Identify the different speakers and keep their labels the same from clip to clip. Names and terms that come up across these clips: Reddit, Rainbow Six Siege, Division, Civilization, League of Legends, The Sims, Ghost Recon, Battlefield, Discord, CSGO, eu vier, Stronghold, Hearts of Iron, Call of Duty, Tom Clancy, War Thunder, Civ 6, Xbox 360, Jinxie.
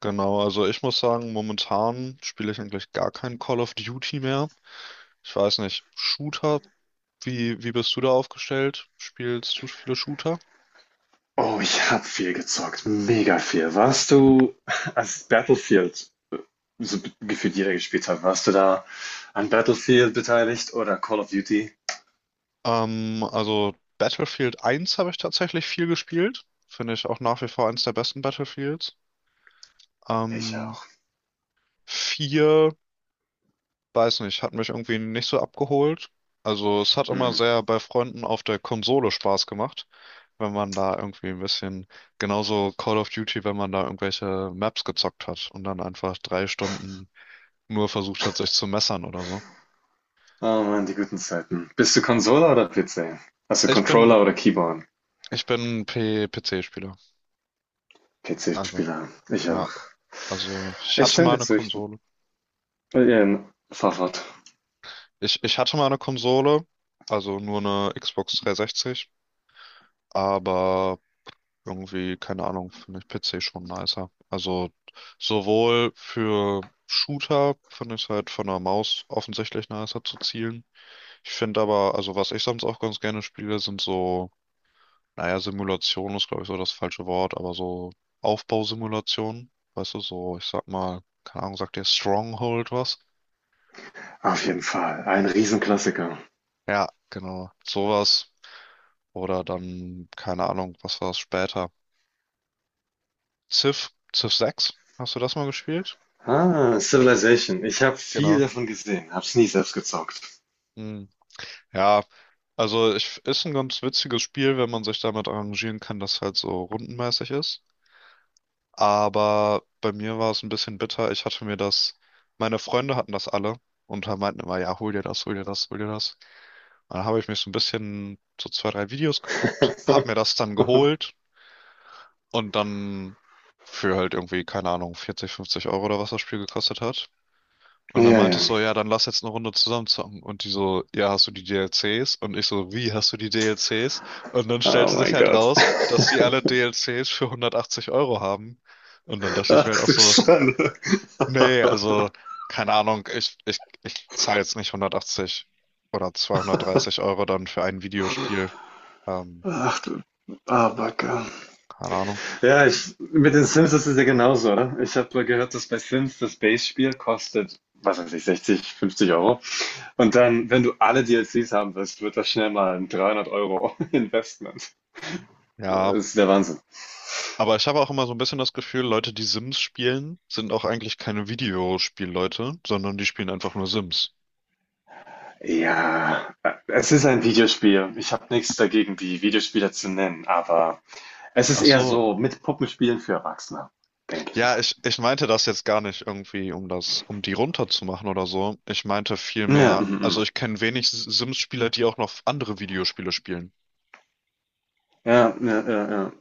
Speaker 1: Genau, also ich muss sagen, momentan spiele ich eigentlich gar kein Call of Duty mehr. Ich weiß nicht, Shooter, wie bist du da aufgestellt? Spielst du viele Shooter?
Speaker 2: Oh, ich habe viel gezockt, mega viel. Warst du, als Battlefield so gefühlt jeder gespielt hat, warst du da an Battlefield beteiligt oder Call of Duty?
Speaker 1: Also Battlefield 1 habe ich tatsächlich viel gespielt. Finde ich auch nach wie vor eins der besten Battlefields.
Speaker 2: Ich
Speaker 1: Ähm,
Speaker 2: auch.
Speaker 1: 4, weiß nicht, hat mich irgendwie nicht so abgeholt. Also es hat immer
Speaker 2: Hm.
Speaker 1: sehr bei Freunden auf der Konsole Spaß gemacht, wenn man da irgendwie ein bisschen, genauso Call of Duty, wenn man da irgendwelche Maps gezockt hat und dann einfach 3 Stunden nur versucht hat, sich zu messern oder so.
Speaker 2: Oh Mann, die guten Zeiten. Bist du Konsole oder PC? Hast du
Speaker 1: Ich bin,
Speaker 2: Controller oder Keyboard?
Speaker 1: ich bin P PC-Spieler. Also,
Speaker 2: PC-Spieler. Ich
Speaker 1: ja.
Speaker 2: auch.
Speaker 1: Also, ich
Speaker 2: Ich
Speaker 1: hatte
Speaker 2: stimme
Speaker 1: mal
Speaker 2: dir
Speaker 1: eine
Speaker 2: zu, ich
Speaker 1: Konsole.
Speaker 2: fahr fort.
Speaker 1: Ich hatte mal eine Konsole, also nur eine Xbox 360, aber irgendwie, keine Ahnung, finde ich PC schon nicer. Also, sowohl für Shooter finde ich es halt von der Maus offensichtlich nicer zu zielen. Ich finde aber, also was ich sonst auch ganz gerne spiele, sind so, naja, Simulation ist, glaube ich, so das falsche Wort, aber so Aufbausimulationen, weißt du, so, ich sag mal, keine Ahnung, sagt dir Stronghold was?
Speaker 2: Auf jeden Fall. Ein Riesenklassiker.
Speaker 1: Ja, genau, sowas. Oder dann, keine Ahnung, was war es später? Civ 6, hast du das mal gespielt?
Speaker 2: Ah, Civilization. Ich habe viel
Speaker 1: Genau.
Speaker 2: davon gesehen, hab's nie selbst gezockt.
Speaker 1: Hm. Ja, also ich, ist ein ganz witziges Spiel, wenn man sich damit arrangieren kann, dass halt so rundenmäßig ist. Aber bei mir war es ein bisschen bitter. Ich hatte mir das, meine Freunde hatten das alle und meinten immer, ja, hol dir das, hol dir das, hol dir das. Und dann habe ich mir so ein bisschen so zwei, drei Videos geguckt, hab mir das dann geholt und dann für halt irgendwie, keine Ahnung, 40, 50 € oder was das Spiel gekostet hat. Und dann
Speaker 2: Ja,
Speaker 1: meinte
Speaker 2: ja.
Speaker 1: ich so, ja, dann lass jetzt eine Runde zusammen zocken. Und die so, ja, hast du die DLCs? Und ich so, wie hast du die DLCs? Und dann
Speaker 2: Oh
Speaker 1: stellte sich
Speaker 2: mein
Speaker 1: halt
Speaker 2: Gott.
Speaker 1: raus, dass die alle DLCs für 180 € haben. Und dann dachte ich
Speaker 2: Ach
Speaker 1: mir halt auch
Speaker 2: du
Speaker 1: so,
Speaker 2: Schande.
Speaker 1: nee, also keine Ahnung, ich zahle jetzt nicht 180 oder 230 € dann für ein Videospiel. Ähm,
Speaker 2: Ach du Abacke.
Speaker 1: Keine Ahnung.
Speaker 2: Ja, mit den Sims ist es ja genauso, oder? Ich habe gehört, dass bei Sims das Base-Spiel kostet, was weiß ich, 60, 50€. Und dann, wenn du alle DLCs haben willst, wird das schnell mal ein 300€ Investment.
Speaker 1: Ja,
Speaker 2: Das ist der Wahnsinn.
Speaker 1: aber ich habe auch immer so ein bisschen das Gefühl, Leute, die Sims spielen, sind auch eigentlich keine Videospielleute, sondern die spielen einfach nur Sims.
Speaker 2: Ja, es ist ein Videospiel. Ich habe nichts dagegen, die Videospiele zu nennen, aber es ist
Speaker 1: Ach
Speaker 2: eher
Speaker 1: so,
Speaker 2: so mit Puppenspielen für Erwachsene, denke ich
Speaker 1: ja,
Speaker 2: mal.
Speaker 1: ich meinte das jetzt gar nicht irgendwie, um das, um die runterzumachen oder so. Ich meinte
Speaker 2: Ja,
Speaker 1: vielmehr,
Speaker 2: mhm,
Speaker 1: also
Speaker 2: mhm.
Speaker 1: ich kenne wenig Sims-Spieler, die auch noch andere Videospiele spielen.
Speaker 2: Ja, ja, ja, ja.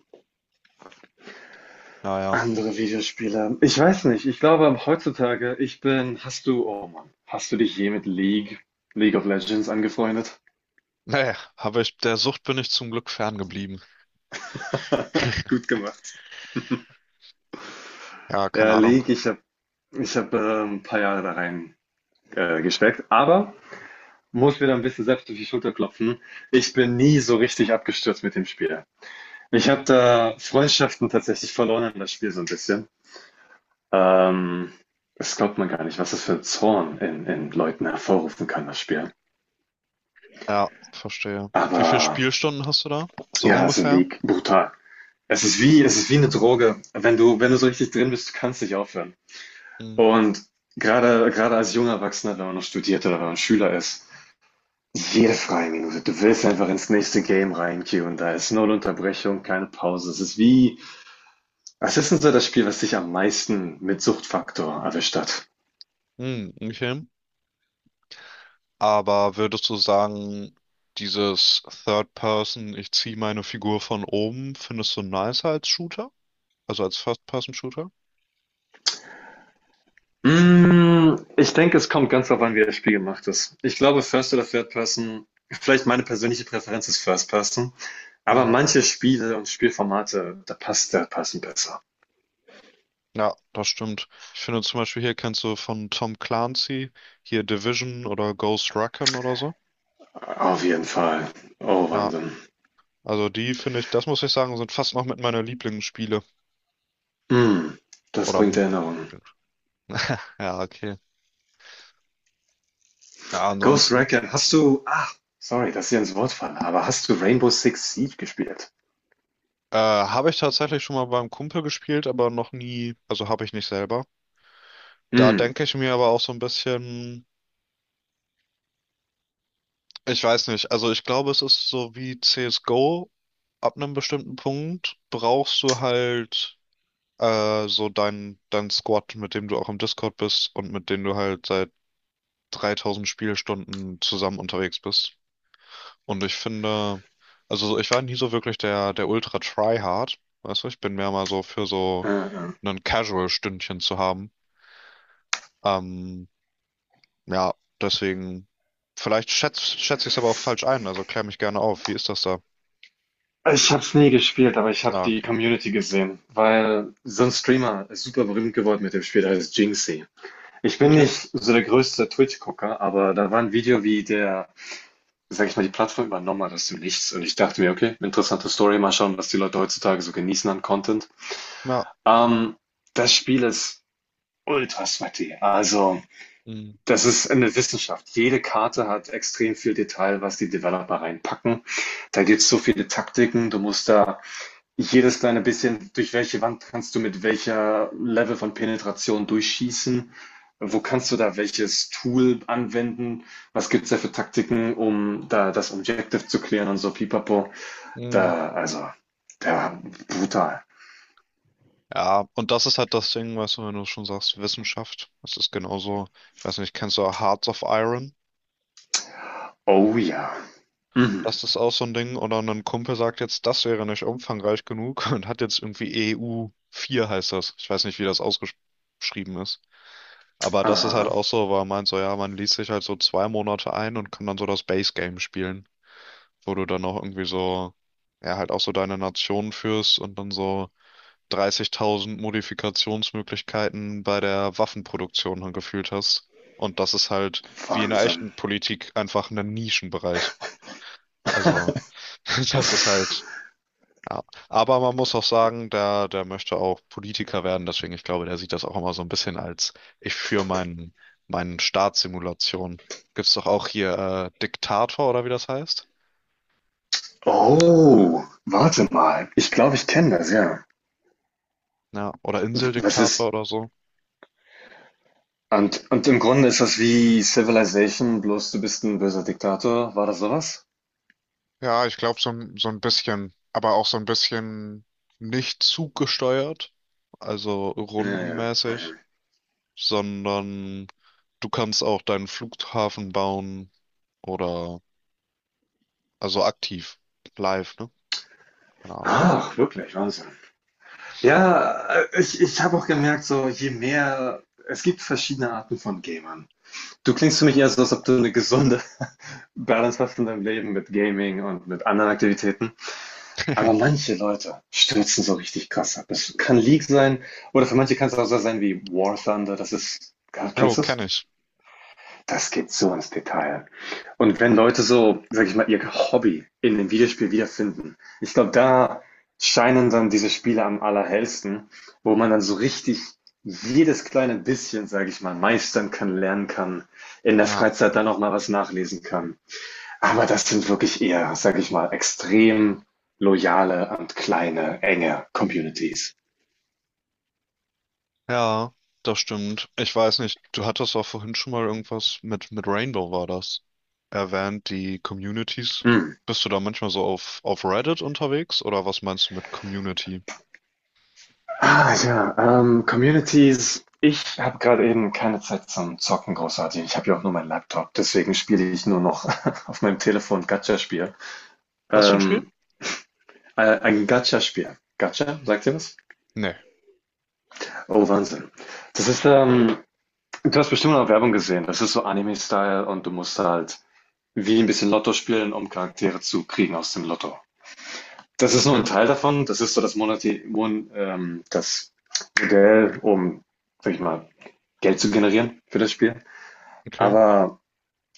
Speaker 1: Naja.
Speaker 2: Andere Videospiele. Ich weiß nicht. Ich glaube heutzutage, ich bin, hast du, oh Mann, hast du dich je mit League of Legends angefreundet?
Speaker 1: Nee, aber ich, der Sucht bin ich zum Glück ferngeblieben.
Speaker 2: Gut gemacht.
Speaker 1: Ja, keine
Speaker 2: Ja,
Speaker 1: Ahnung.
Speaker 2: League, ich hab, ein paar Jahre da rein gesteckt, aber muss mir da ein bisschen selbst auf die Schulter klopfen. Ich bin nie so richtig abgestürzt mit dem Spiel. Ich habe da Freundschaften tatsächlich verloren in das Spiel so ein bisschen. Ähm, Das glaubt man gar nicht, was das für ein Zorn in Leuten hervorrufen kann, das Spiel.
Speaker 1: Ja, verstehe. Wie viele
Speaker 2: Aber
Speaker 1: Spielstunden hast du da? So
Speaker 2: Ja, also
Speaker 1: ungefähr?
Speaker 2: League, brutal. Es ist wie eine Droge. Wenn du so richtig drin bist, du kannst nicht aufhören.
Speaker 1: Hm,
Speaker 2: Und gerade als junger Erwachsener, wenn man noch studiert oder wenn man Schüler ist, jede freie Minute, du willst einfach ins nächste Game reinqueuen. Da ist null Unterbrechung, keine Pause. Was ist denn so das Spiel, was dich am meisten mit Suchtfaktor erwischt hat?
Speaker 1: hm, okay. Aber würdest du sagen, dieses Third Person, ich ziehe meine Figur von oben, findest du nicer als Shooter? Also als First Person Shooter?
Speaker 2: Ich denke, es kommt ganz darauf an, wie das Spiel gemacht ist. Ich glaube, First oder Third Person, vielleicht meine persönliche Präferenz ist First Person, aber
Speaker 1: Hm.
Speaker 2: manche Spiele und Spielformate, da passt Third Person besser.
Speaker 1: Ja, das stimmt. Ich finde zum Beispiel hier kennst du von Tom Clancy hier Division oder Ghost Recon oder so.
Speaker 2: Auf jeden Fall. Oh,
Speaker 1: Ja,
Speaker 2: Wahnsinn.
Speaker 1: also die finde ich, das muss ich sagen, sind fast noch mit meiner Lieblingsspiele.
Speaker 2: Mm, Das
Speaker 1: Oder
Speaker 2: bringt Erinnerungen.
Speaker 1: ja, okay. Ja,
Speaker 2: Ghost
Speaker 1: ansonsten
Speaker 2: Recon, ach, sorry, dass ich ins Wort falle, aber hast du Rainbow Six Siege gespielt?
Speaker 1: habe ich tatsächlich schon mal beim Kumpel gespielt, aber noch nie, also habe ich nicht selber. Da
Speaker 2: Mm,
Speaker 1: denke ich mir aber auch so ein bisschen, ich weiß nicht, also ich glaube, es ist so wie CSGO, ab einem bestimmten Punkt brauchst du halt so dein Squad, mit dem du auch im Discord bist und mit dem du halt seit 3.000 Spielstunden zusammen unterwegs bist. Und ich finde, also ich war nie so wirklich der Ultra Tryhard. Weißt du, ich bin mehr mal so für
Speaker 2: äh,
Speaker 1: so
Speaker 2: äh.
Speaker 1: ein Casual-Stündchen zu haben. Ähm, ja, deswegen, vielleicht schätz ich es aber auch falsch ein, also klär mich gerne auf. Wie ist das da?
Speaker 2: Ich habe es nie gespielt, aber ich habe
Speaker 1: Ah,
Speaker 2: die
Speaker 1: okay.
Speaker 2: Community gesehen, weil so ein Streamer ist super berühmt geworden mit dem Spiel, der heißt Jinxie. Ich bin
Speaker 1: Okay.
Speaker 2: nicht so der größte Twitch-Gucker, aber da war ein Video, wie der, sag ich mal, die Plattform übernommen hat aus dem Nichts. Und ich dachte mir, okay, interessante Story, mal schauen, was die Leute heutzutage so genießen an Content.
Speaker 1: Ja.
Speaker 2: Ähm, Das Spiel ist ultra sweaty. Also,
Speaker 1: Mhm.
Speaker 2: das ist eine Wissenschaft. Jede Karte hat extrem viel Detail, was die Developer reinpacken. Da gibt es so viele Taktiken. Du musst da jedes kleine bisschen, durch welche Wand kannst du mit welcher Level von Penetration durchschießen? Wo kannst du da welches Tool anwenden? Was gibt's da für Taktiken, um da das Objective zu klären und so pipapo?
Speaker 1: Mhm.
Speaker 2: Also, da, brutal.
Speaker 1: Ja, und das ist halt das Ding, weißt du, wenn du schon sagst, Wissenschaft, das ist genauso, ich weiß nicht, kennst du Hearts of Iron?
Speaker 2: Oh ja. Mhm.
Speaker 1: Das ist auch so ein Ding. Oder ein Kumpel sagt jetzt, das wäre nicht umfangreich genug und hat jetzt irgendwie EU4 heißt das. Ich weiß nicht, wie das ausgeschrieben ist. Aber das ist halt
Speaker 2: Aha,
Speaker 1: auch so, weil man meint so, ja, man liest sich halt so 2 Monate ein und kann dann so das Base Game spielen, wo du dann auch irgendwie so, ja, halt auch so deine Nation führst und dann so 30.000 Modifikationsmöglichkeiten bei der Waffenproduktion dann gefühlt hast. Und das ist halt wie in der
Speaker 2: Wahnsinn.
Speaker 1: echten Politik einfach ein Nischenbereich. Also, das ist halt. Ja, aber man muss auch sagen, der möchte auch Politiker werden, deswegen ich glaube, der sieht das auch immer so ein bisschen als ich für meinen Staatssimulation. Gibt's doch auch hier Diktator oder wie das heißt?
Speaker 2: Oh, warte mal. Ich glaube, ich kenne das, ja.
Speaker 1: Ja, oder
Speaker 2: Das
Speaker 1: Inseldiktator
Speaker 2: ist,
Speaker 1: oder so.
Speaker 2: und im Grunde ist das wie Civilization, bloß du bist ein böser Diktator. War das sowas?
Speaker 1: Ja, ich glaube, so, so ein bisschen, aber auch so ein bisschen nicht zuggesteuert, also
Speaker 2: Ja, ja.
Speaker 1: rundenmäßig,
Speaker 2: Mhm.
Speaker 1: sondern du kannst auch deinen Flughafen bauen oder also aktiv, live, ne? Keine Ahnung.
Speaker 2: Ach, wirklich, Wahnsinn. Ja, ich habe auch gemerkt, so je mehr, es gibt verschiedene Arten von Gamern. Du klingst für mich eher so, als ob du eine gesunde Balance hast in deinem Leben mit Gaming und mit anderen Aktivitäten. Aber manche Leute stürzen so richtig krass ab. Es kann League sein oder für manche kann es auch so sein wie War Thunder.
Speaker 1: Jo,
Speaker 2: Kennst du es?
Speaker 1: kenne ich.
Speaker 2: Das geht so ins Detail. Und wenn Leute so, sag ich mal, ihr Hobby in dem Videospiel wiederfinden, ich glaube, da scheinen dann diese Spiele am allerhellsten, wo man dann so richtig jedes kleine bisschen, sage ich mal, meistern kann, lernen kann, in der
Speaker 1: Ja.
Speaker 2: Freizeit dann auch mal was nachlesen kann. Aber das sind wirklich eher, sage ich mal, extrem loyale und kleine, enge Communities.
Speaker 1: Ja, das stimmt. Ich weiß nicht, du hattest auch vorhin schon mal irgendwas mit Rainbow war das, erwähnt, die Communities.
Speaker 2: Mm.
Speaker 1: Bist du da manchmal so auf Reddit unterwegs oder was meinst du mit Community?
Speaker 2: Ah ja, Communities. Ich habe gerade eben keine Zeit zum Zocken großartig. Ich habe ja auch nur meinen Laptop, deswegen spiele ich nur noch auf meinem Telefon Gacha-Spiel.
Speaker 1: Was für ein Spiel?
Speaker 2: Ähm, ein Gacha-Spiel. Gacha, sagt ihr was?
Speaker 1: Nee.
Speaker 2: Oh, Wahnsinn. Das ist, ähm, Du hast bestimmt noch Werbung gesehen. Das ist so Anime-Style und du musst halt wie ein bisschen Lotto spielen, um Charaktere zu kriegen aus dem Lotto. Das ist nur
Speaker 1: Okay,
Speaker 2: ein Teil davon. Das ist so das Monati Mon das Modell, um, sag ich mal, Geld zu generieren für das Spiel.
Speaker 1: okay.
Speaker 2: Aber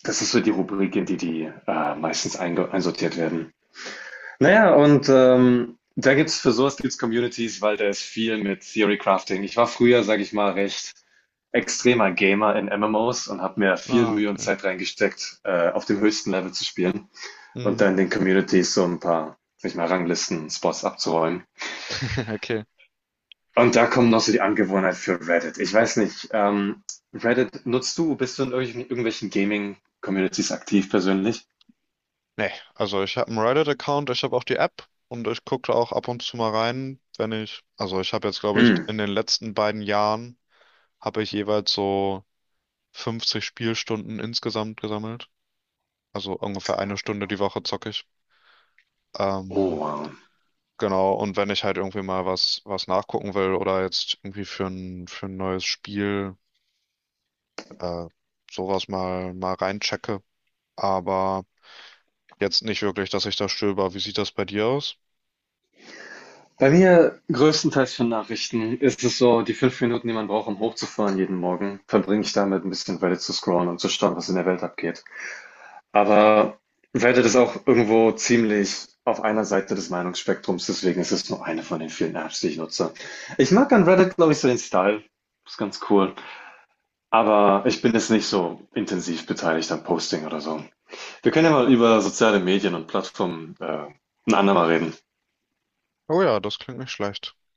Speaker 2: das ist so die Rubrik, in die die meistens einsortiert werden. Naja, und da gibt's für sowas gibt's Communities, weil da ist viel mit Theory Crafting. Ich war früher, sage ich mal, recht extremer Gamer in MMOs und habe mir viel
Speaker 1: Ah,
Speaker 2: Mühe und
Speaker 1: okay.
Speaker 2: Zeit reingesteckt, auf dem höchsten Level zu spielen und
Speaker 1: Hm,
Speaker 2: dann in den Communities so ein paar, sag ich mal, Ranglisten, Spots abzuräumen.
Speaker 1: okay.
Speaker 2: Und da kommt noch so die Angewohnheit für Reddit. Ich weiß nicht, Reddit nutzt du? Bist du in irgendwelchen Gaming-Communities aktiv persönlich?
Speaker 1: Nee, also ich habe einen Reddit-Account, ich habe auch die App und ich gucke auch ab und zu mal rein, wenn ich, also ich habe jetzt, glaube ich,
Speaker 2: Hm.
Speaker 1: in den letzten beiden Jahren habe ich jeweils so 50 Spielstunden insgesamt gesammelt. Also ungefähr eine Stunde die Woche zocke ich.
Speaker 2: Oh,
Speaker 1: Ähm,
Speaker 2: wow.
Speaker 1: genau, und wenn ich halt irgendwie mal was, nachgucken will oder jetzt irgendwie für ein neues Spiel äh, sowas mal reinchecke. Aber jetzt nicht wirklich, dass ich da stöber. Wie sieht das bei dir aus?
Speaker 2: Bei mir größtenteils für Nachrichten ist es so, die 5 Minuten, die man braucht, um hochzufahren jeden Morgen, verbringe ich damit, ein bisschen Reddit zu scrollen und zu schauen, was in der Welt abgeht. Aber Reddit ist auch irgendwo ziemlich auf einer Seite des Meinungsspektrums, deswegen ist es nur eine von den vielen Apps, die ich nutze. Ich mag an Reddit, glaube ich, so den Style. Ist ganz cool. Aber ich bin jetzt nicht so intensiv beteiligt am Posting oder so. Wir können ja mal über soziale Medien und Plattformen, ein andermal reden.
Speaker 1: Oh ja, das klingt nicht schlecht.